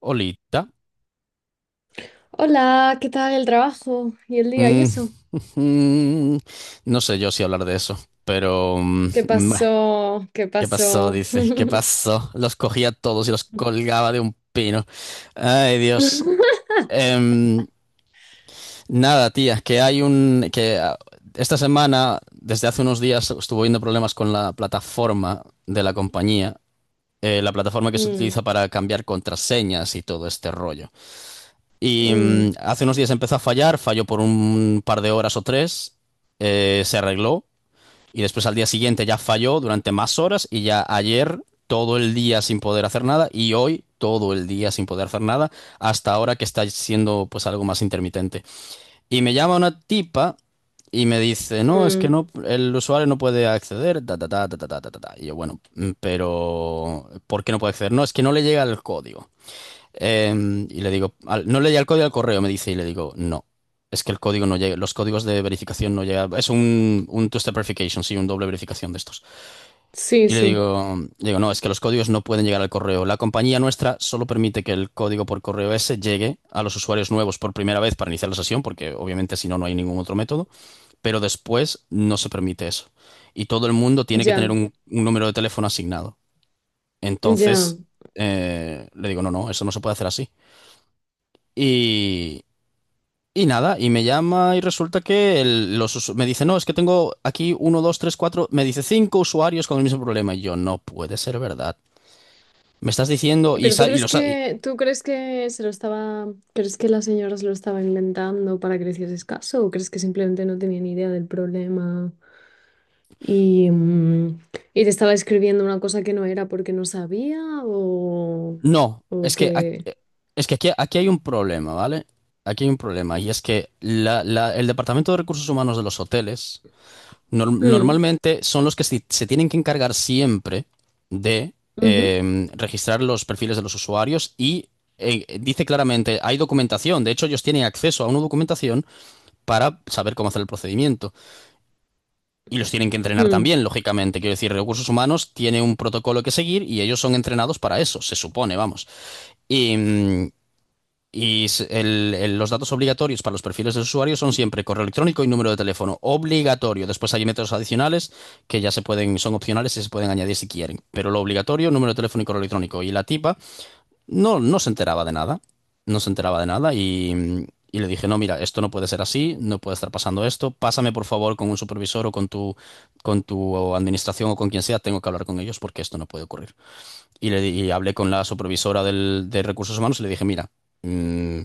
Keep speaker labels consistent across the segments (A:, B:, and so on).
A: Olita.
B: Hola, ¿qué tal el trabajo y el día y
A: Mm,
B: eso?
A: no sé yo si hablar de eso, pero... mm,
B: ¿Qué
A: bah,
B: pasó? ¿Qué
A: ¿Qué pasó?
B: pasó?
A: Dice, ¿qué pasó? Los cogía a todos y los colgaba de un pino. Ay, Dios. Em, Nada, tía, que hay un... que ah, esta semana, desde hace unos días, estuvo habiendo problemas con la plataforma de la compañía, la plataforma que se
B: Mm,
A: utiliza para cambiar contraseñas y todo este rollo. Y
B: mm,
A: hace unos días empezó a fallar, falló por un par de horas o tres, se arregló y después al día siguiente ya falló durante más horas y ya ayer todo el día sin poder hacer nada y hoy todo el día sin poder hacer nada hasta ahora que está siendo pues algo más intermitente. Y me llama una tipa y me dice, no, es que
B: mm.
A: no, el usuario no puede acceder, ta, ta, ta, ta, ta, ta, ta, ta". Y yo, bueno, pero ¿por qué no puede acceder? No, es que no le llega el código. Y le digo, no leía el código al correo, me dice, y le digo, no. Es que el código no llega, los códigos de verificación no llegan. Es un two-step verification, sí, un doble verificación de estos.
B: Sí,
A: Y le
B: sí,
A: digo, digo, no, es que los códigos no pueden llegar al correo. La compañía nuestra solo permite que el código por correo ese llegue a los usuarios nuevos por primera vez para iniciar la sesión, porque obviamente si no, no hay ningún otro método, pero después no se permite eso. Y todo el mundo tiene que tener
B: ya,
A: un número de teléfono asignado.
B: ya.
A: Entonces, le digo, no, no, eso no se puede hacer así. Y, y nada, y me llama y resulta que me dice, no, es que tengo aquí uno, dos, tres, cuatro, me dice cinco usuarios con el mismo problema. Y yo, no puede ser verdad. Me estás diciendo,
B: Pero tú crees que tú crees que se lo estaba, crees que la señora se lo estaba inventando para que le hicieses caso o crees que simplemente no tenía ni idea del problema y, mm, y te estaba escribiendo una cosa que no era porque no sabía o
A: no,
B: o
A: es que, aquí,
B: que.
A: aquí hay un problema, ¿vale? Aquí hay un problema, y es que el Departamento de Recursos Humanos de los hoteles...
B: Mm,
A: normalmente son los que se tienen que encargar siempre de
B: ujú,
A: registrar los perfiles de los usuarios y dice claramente, hay documentación, de hecho ellos tienen acceso a una documentación para saber cómo hacer el procedimiento. Y los tienen que entrenar
B: mm,
A: también, lógicamente. Quiero decir, recursos humanos tiene un protocolo que seguir y ellos son entrenados para eso, se supone, vamos. Y, mm, y los datos obligatorios para los perfiles de usuario son siempre correo electrónico y número de teléfono. Obligatorio. Después hay métodos adicionales que ya se pueden, son opcionales y se pueden añadir si quieren. Pero lo obligatorio, número de teléfono y correo electrónico. Y la tipa no, no se enteraba de nada. No se enteraba de nada y, le dije, no, mira, esto no puede ser así, no puede estar pasando esto. Pásame por favor con un supervisor o con tu administración o con quien sea. Tengo que hablar con ellos porque esto no puede ocurrir. Y, y hablé con la supervisora de recursos humanos y le dije, mira. mm,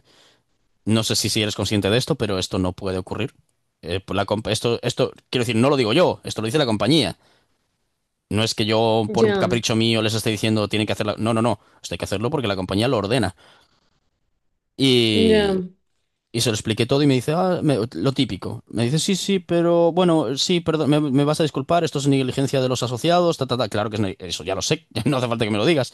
A: no sé si, eres consciente de esto, pero esto no puede ocurrir. Esto, esto, quiero decir, no lo digo yo, esto lo dice la compañía. No es que yo, por un
B: ya.
A: capricho mío, les esté diciendo tienen que hacerlo. No, no, no. Esto hay que hacerlo porque la compañía lo ordena.
B: Ya,
A: Y, se lo expliqué todo y me dice, ah, lo típico. Me dice, sí, sí, pero bueno, sí, perdón, me vas a disculpar, esto es negligencia de los asociados, ta, ta, ta. Claro que es, eso ya lo sé, no hace falta que me lo digas.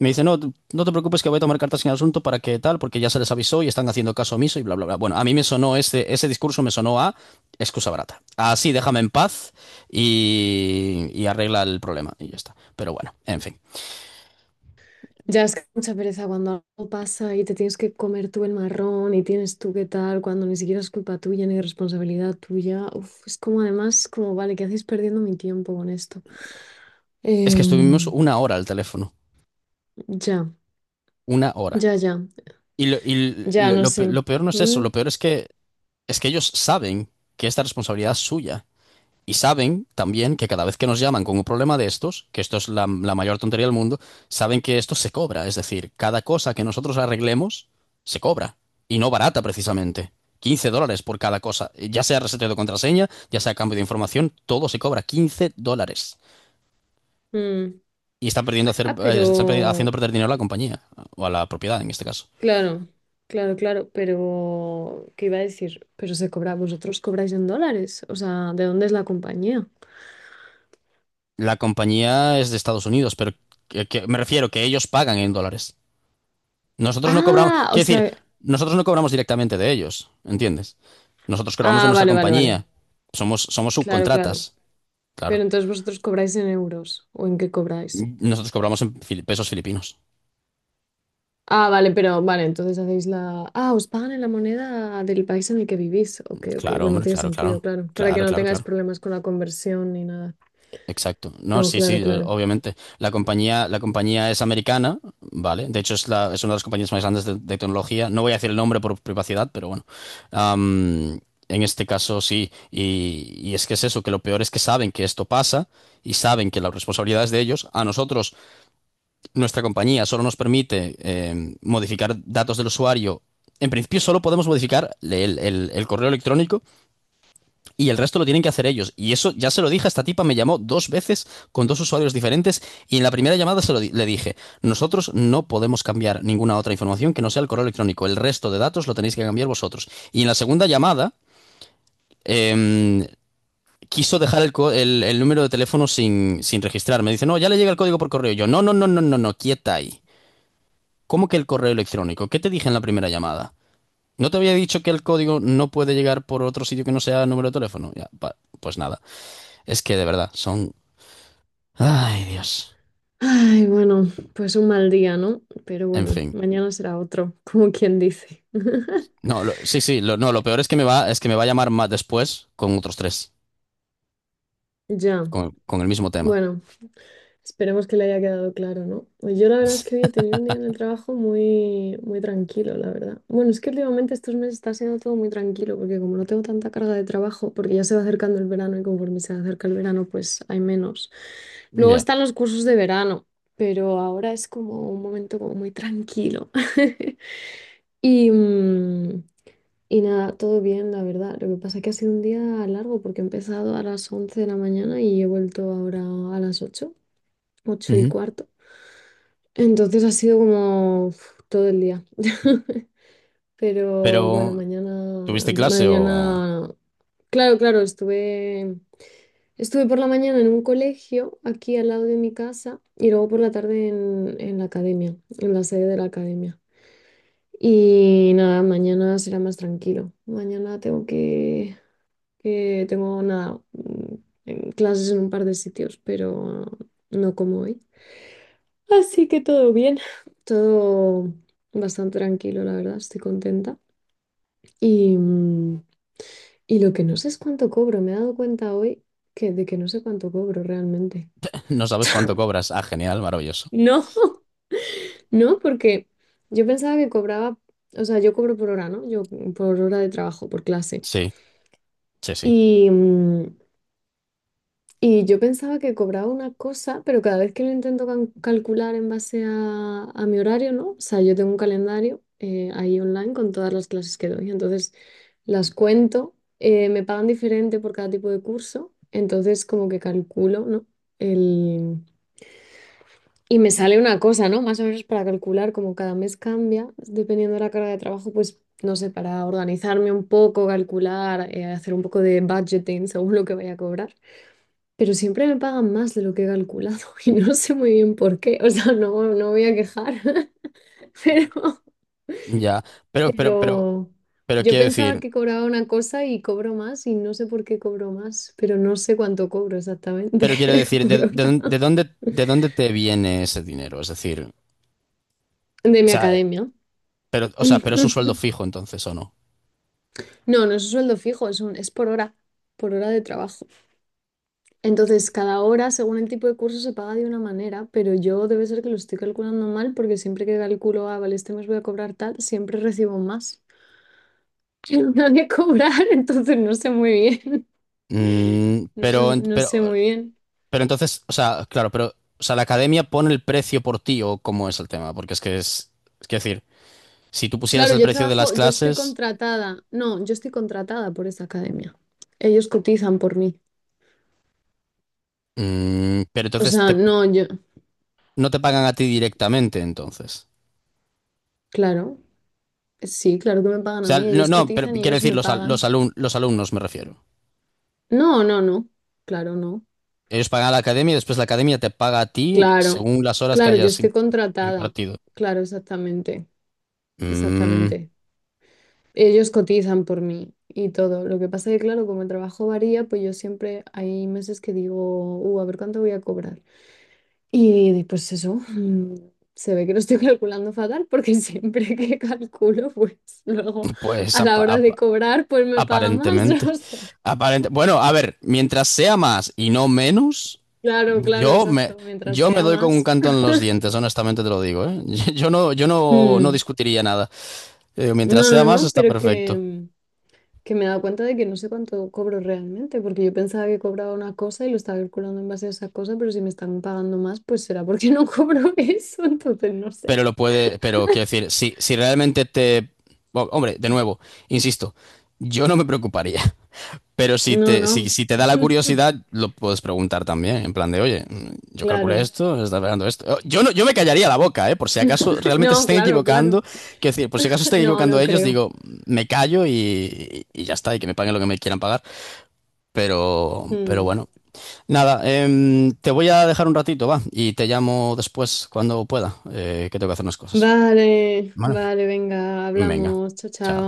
A: Me dice, no, no te preocupes que voy a tomar cartas en el asunto para que tal, porque ya se les avisó y están haciendo caso omiso y bla, bla, bla. Bueno, a mí me sonó ese discurso, me sonó a excusa barata. Así, déjame en paz y, arregla el problema y ya está. Pero bueno, en fin.
B: ya es que mucha pereza cuando algo pasa y te tienes que comer tú el marrón y tienes tú qué tal, cuando ni siquiera es culpa tuya ni responsabilidad tuya. Uf, es como además, como vale, ¿qué hacéis perdiendo mi tiempo con esto?
A: Es que estuvimos
B: Em,
A: una hora al teléfono,
B: ya,
A: una hora.
B: ya, ya,
A: Y
B: ya, no sé.
A: lo peor no es eso,
B: Mm,
A: lo peor es que es que ellos saben que esta responsabilidad es suya. Y saben también que cada vez que nos llaman con un problema de estos, que esto es la mayor tontería del mundo, saben que esto se cobra. Es decir, cada cosa que nosotros arreglemos, se cobra. Y no barata, precisamente. $15 por cada cosa. Ya sea reseteo de contraseña, ya sea cambio de información, todo se cobra $15.
B: mm.
A: Y están perdiendo hacer,
B: Ah, pero,
A: están haciendo perder dinero a la compañía, o a la propiedad en este caso.
B: claro, claro, claro, pero, ¿qué iba a decir? Pero se cobra, vosotros cobráis en dólares, o sea, ¿de dónde es la compañía?
A: La compañía es de Estados Unidos, pero me refiero que ellos pagan en dólares. Nosotros no cobramos,
B: Ah, o
A: quiero decir,
B: sea,
A: nosotros no cobramos directamente de ellos, ¿entiendes? Nosotros cobramos de
B: ah,
A: nuestra
B: vale, vale, vale.
A: compañía, somos
B: Claro, claro.
A: subcontratas,
B: Pero
A: claro.
B: entonces vosotros cobráis en euros o en qué cobráis.
A: Nosotros cobramos en pesos filipinos.
B: Ah, vale, pero vale, entonces Ah, os pagan en la moneda del país en el que vivís. Ok, ok.
A: Claro,
B: Bueno,
A: hombre,
B: tiene
A: claro, claro,
B: sentido, claro. Para que
A: claro,
B: no
A: claro,
B: tengáis
A: claro.
B: problemas con la conversión ni nada.
A: Exacto. No,
B: No,
A: sí,
B: claro,
A: sí,
B: claro.
A: obviamente. La compañía es americana, ¿vale? De hecho, es una de las compañías más grandes de tecnología. No voy a decir el nombre por privacidad, pero bueno. Am, en este caso, sí. Y, es que es eso, que lo peor es que saben que esto pasa y saben que la responsabilidad es de ellos. A nosotros, nuestra compañía solo nos permite modificar datos del usuario. En principio, solo podemos modificar el correo electrónico y el resto lo tienen que hacer ellos. Y eso ya se lo dije, esta tipa me llamó dos veces con dos usuarios diferentes y en la primera llamada se lo le dije, nosotros no podemos cambiar ninguna otra información que no sea el correo electrónico, el resto de datos lo tenéis que cambiar vosotros. Y en la segunda llamada... em, Quiso dejar el número de teléfono sin, registrar. Me dice, no, ya le llega el código por correo. Yo, no, no, no, no, no, no, quieta ahí. ¿Cómo que el correo electrónico? ¿Qué te dije en la primera llamada? ¿No te había dicho que el código no puede llegar por otro sitio que no sea número de teléfono? Ya, pues nada. Es que de verdad, son. Ay, Dios.
B: Ay, bueno, pues un mal día, ¿no? Pero
A: En
B: bueno,
A: fin.
B: mañana será otro, como quien dice.
A: No, sí, sí, lo, no, lo peor es que me va a llamar más después con otros tres,
B: Ya.
A: con el mismo tema.
B: Bueno, esperemos que le haya quedado claro, ¿no? Pues yo la verdad es que hoy he tenido un día en el trabajo muy, muy tranquilo, la verdad. Bueno, es que últimamente estos meses está siendo todo muy tranquilo, porque como no tengo tanta carga de trabajo, porque ya se va acercando el verano y conforme se acerca el verano, pues hay menos. Luego
A: Ya.
B: están los cursos de verano, pero ahora es como un momento como muy tranquilo. Y, mm, y nada, todo bien, la verdad. Lo que pasa es que ha sido un día largo porque he empezado a las 11 de la mañana y he vuelto ahora a las 8, ocho y
A: Ujú.
B: cuarto. Entonces ha sido como uf, todo el día. Pero bueno,
A: Pero,
B: mañana,
A: ¿tuviste clase o
B: mañana, claro, claro, estuve por la mañana en un colegio aquí al lado de mi casa y luego por la tarde en la academia, en la sede de la academia. Y nada, mañana será más tranquilo. Mañana tengo que tengo nada, en clases en un par de sitios, pero no como hoy. Así que todo bien, todo bastante tranquilo, la verdad, estoy contenta. Y, mm, y lo que no sé es cuánto cobro, me he dado cuenta hoy de que no sé cuánto cobro realmente.
A: no sabes cuánto cobras? Ah, genial, maravilloso.
B: No, no, porque yo pensaba que cobraba, o sea, yo cobro por hora, ¿no? Yo por hora de trabajo, por clase.
A: Sí, sí, sí.
B: Y, mm, Y yo pensaba que cobraba una cosa, pero cada vez que lo intento calcular en base a mi horario, ¿no? O sea, yo tengo un calendario ahí online con todas las clases que doy. Entonces, las cuento, me pagan diferente por cada tipo de curso. Entonces, como que calculo, ¿no? El... Y me sale una cosa, ¿no? Más o menos para calcular, como cada mes cambia, dependiendo de la carga de trabajo, pues, no sé, para organizarme un poco, calcular, hacer un poco de budgeting según lo que vaya a cobrar, pero siempre me pagan más de lo que he calculado y no sé muy bien por qué. O sea, no, no voy a quejar, pero,
A: Ya. Pero, pero, pero,
B: pero
A: pero
B: yo
A: quiero
B: pensaba
A: decir,
B: que cobraba una cosa y cobro más y no sé por qué cobro más, pero no sé cuánto cobro exactamente
A: pero quiero decir,
B: por
A: ¿de, de dón-
B: hora
A: de dónde, de dónde te viene ese dinero? Es decir,
B: de
A: o
B: mi
A: sea,
B: academia.
A: pero, o sea, pero es un sueldo fijo entonces, ¿o no?
B: No, no es un sueldo fijo, es por hora de trabajo. Entonces, cada hora, según el tipo de curso, se paga de una manera, pero yo debe ser que lo estoy calculando mal porque siempre que calculo, ah, vale, este mes voy a cobrar tal, siempre recibo más. de cobrar, entonces no sé muy bien.
A: Mm,
B: No sé,
A: pero,
B: no
A: pero,
B: sé muy bien.
A: Pero entonces, o sea, claro, pero, o sea, la academia pone el precio por ti o cómo es el tema, porque es que decir, si tú pusieras
B: Claro,
A: el
B: yo
A: precio de las
B: trabajo, yo estoy
A: clases,
B: contratada. No, yo estoy contratada por esa academia. Ellos cotizan por mí.
A: pero
B: O
A: entonces
B: sea, no, yo,
A: no te pagan a ti directamente, entonces.
B: claro, sí, claro que me pagan
A: O
B: a
A: sea,
B: mí.
A: no,
B: Ellos
A: no, pero
B: cotizan y
A: quiero
B: ellos
A: decir
B: me pagan.
A: los alumnos me refiero.
B: No, no, no. Claro, no.
A: Ellos pagan a la academia y después la academia te paga a ti
B: Claro,
A: según las horas que
B: claro, yo
A: hayas
B: estoy contratada.
A: impartido.
B: Claro, exactamente.
A: Mm,
B: Exactamente. Ellos cotizan por mí y todo. Lo que pasa es que, claro, como el trabajo varía, pues yo siempre hay meses que digo, a ver cuánto voy a cobrar. Y pues eso, se ve que lo estoy calculando fatal porque siempre que calculo, pues luego
A: pues
B: a la
A: apa-
B: hora de
A: apa-
B: cobrar, pues me paga más. O
A: Aparentemente.
B: sea,
A: Aparente. Bueno, a ver, mientras sea más y no menos,
B: claro, claro,
A: yo me,
B: exacto, mientras
A: yo me
B: sea
A: doy con un
B: más.
A: canto en los dientes, honestamente te lo digo, ¿eh? Yo no, no
B: Mm.
A: discutiría nada. Yo digo, mientras
B: No,
A: sea
B: no,
A: más,
B: no,
A: está
B: pero que...
A: perfecto.
B: mm, que me he dado cuenta de que no sé cuánto cobro realmente, porque yo pensaba que cobraba una cosa y lo estaba calculando en base a esa cosa, pero si me están pagando más, pues será porque no cobro eso, entonces no sé.
A: Pero quiero decir, si realmente te. Bueno, hombre, de nuevo, insisto, yo no me preocuparía. Pero
B: No, no.
A: si te da la curiosidad, lo puedes preguntar también, en plan de, oye, yo calculé
B: Claro.
A: esto, está pegando esto. Oh. Yo no, yo me callaría la boca, ¿eh? Por si acaso realmente se
B: No,
A: estén
B: claro, claro.
A: equivocando. Quiero decir, por si acaso estén
B: No,
A: equivocando
B: no
A: ellos,
B: creo.
A: digo, me callo y, ya está, y que me paguen lo que me quieran pagar. Pero
B: Mm.
A: bueno. Nada, te voy a dejar un ratito, va, y te llamo después cuando pueda, que tengo que hacer unas cosas.
B: Vale,
A: Vale.
B: vale, venga,
A: Venga,
B: hablamos. Chao, chao.
A: chao.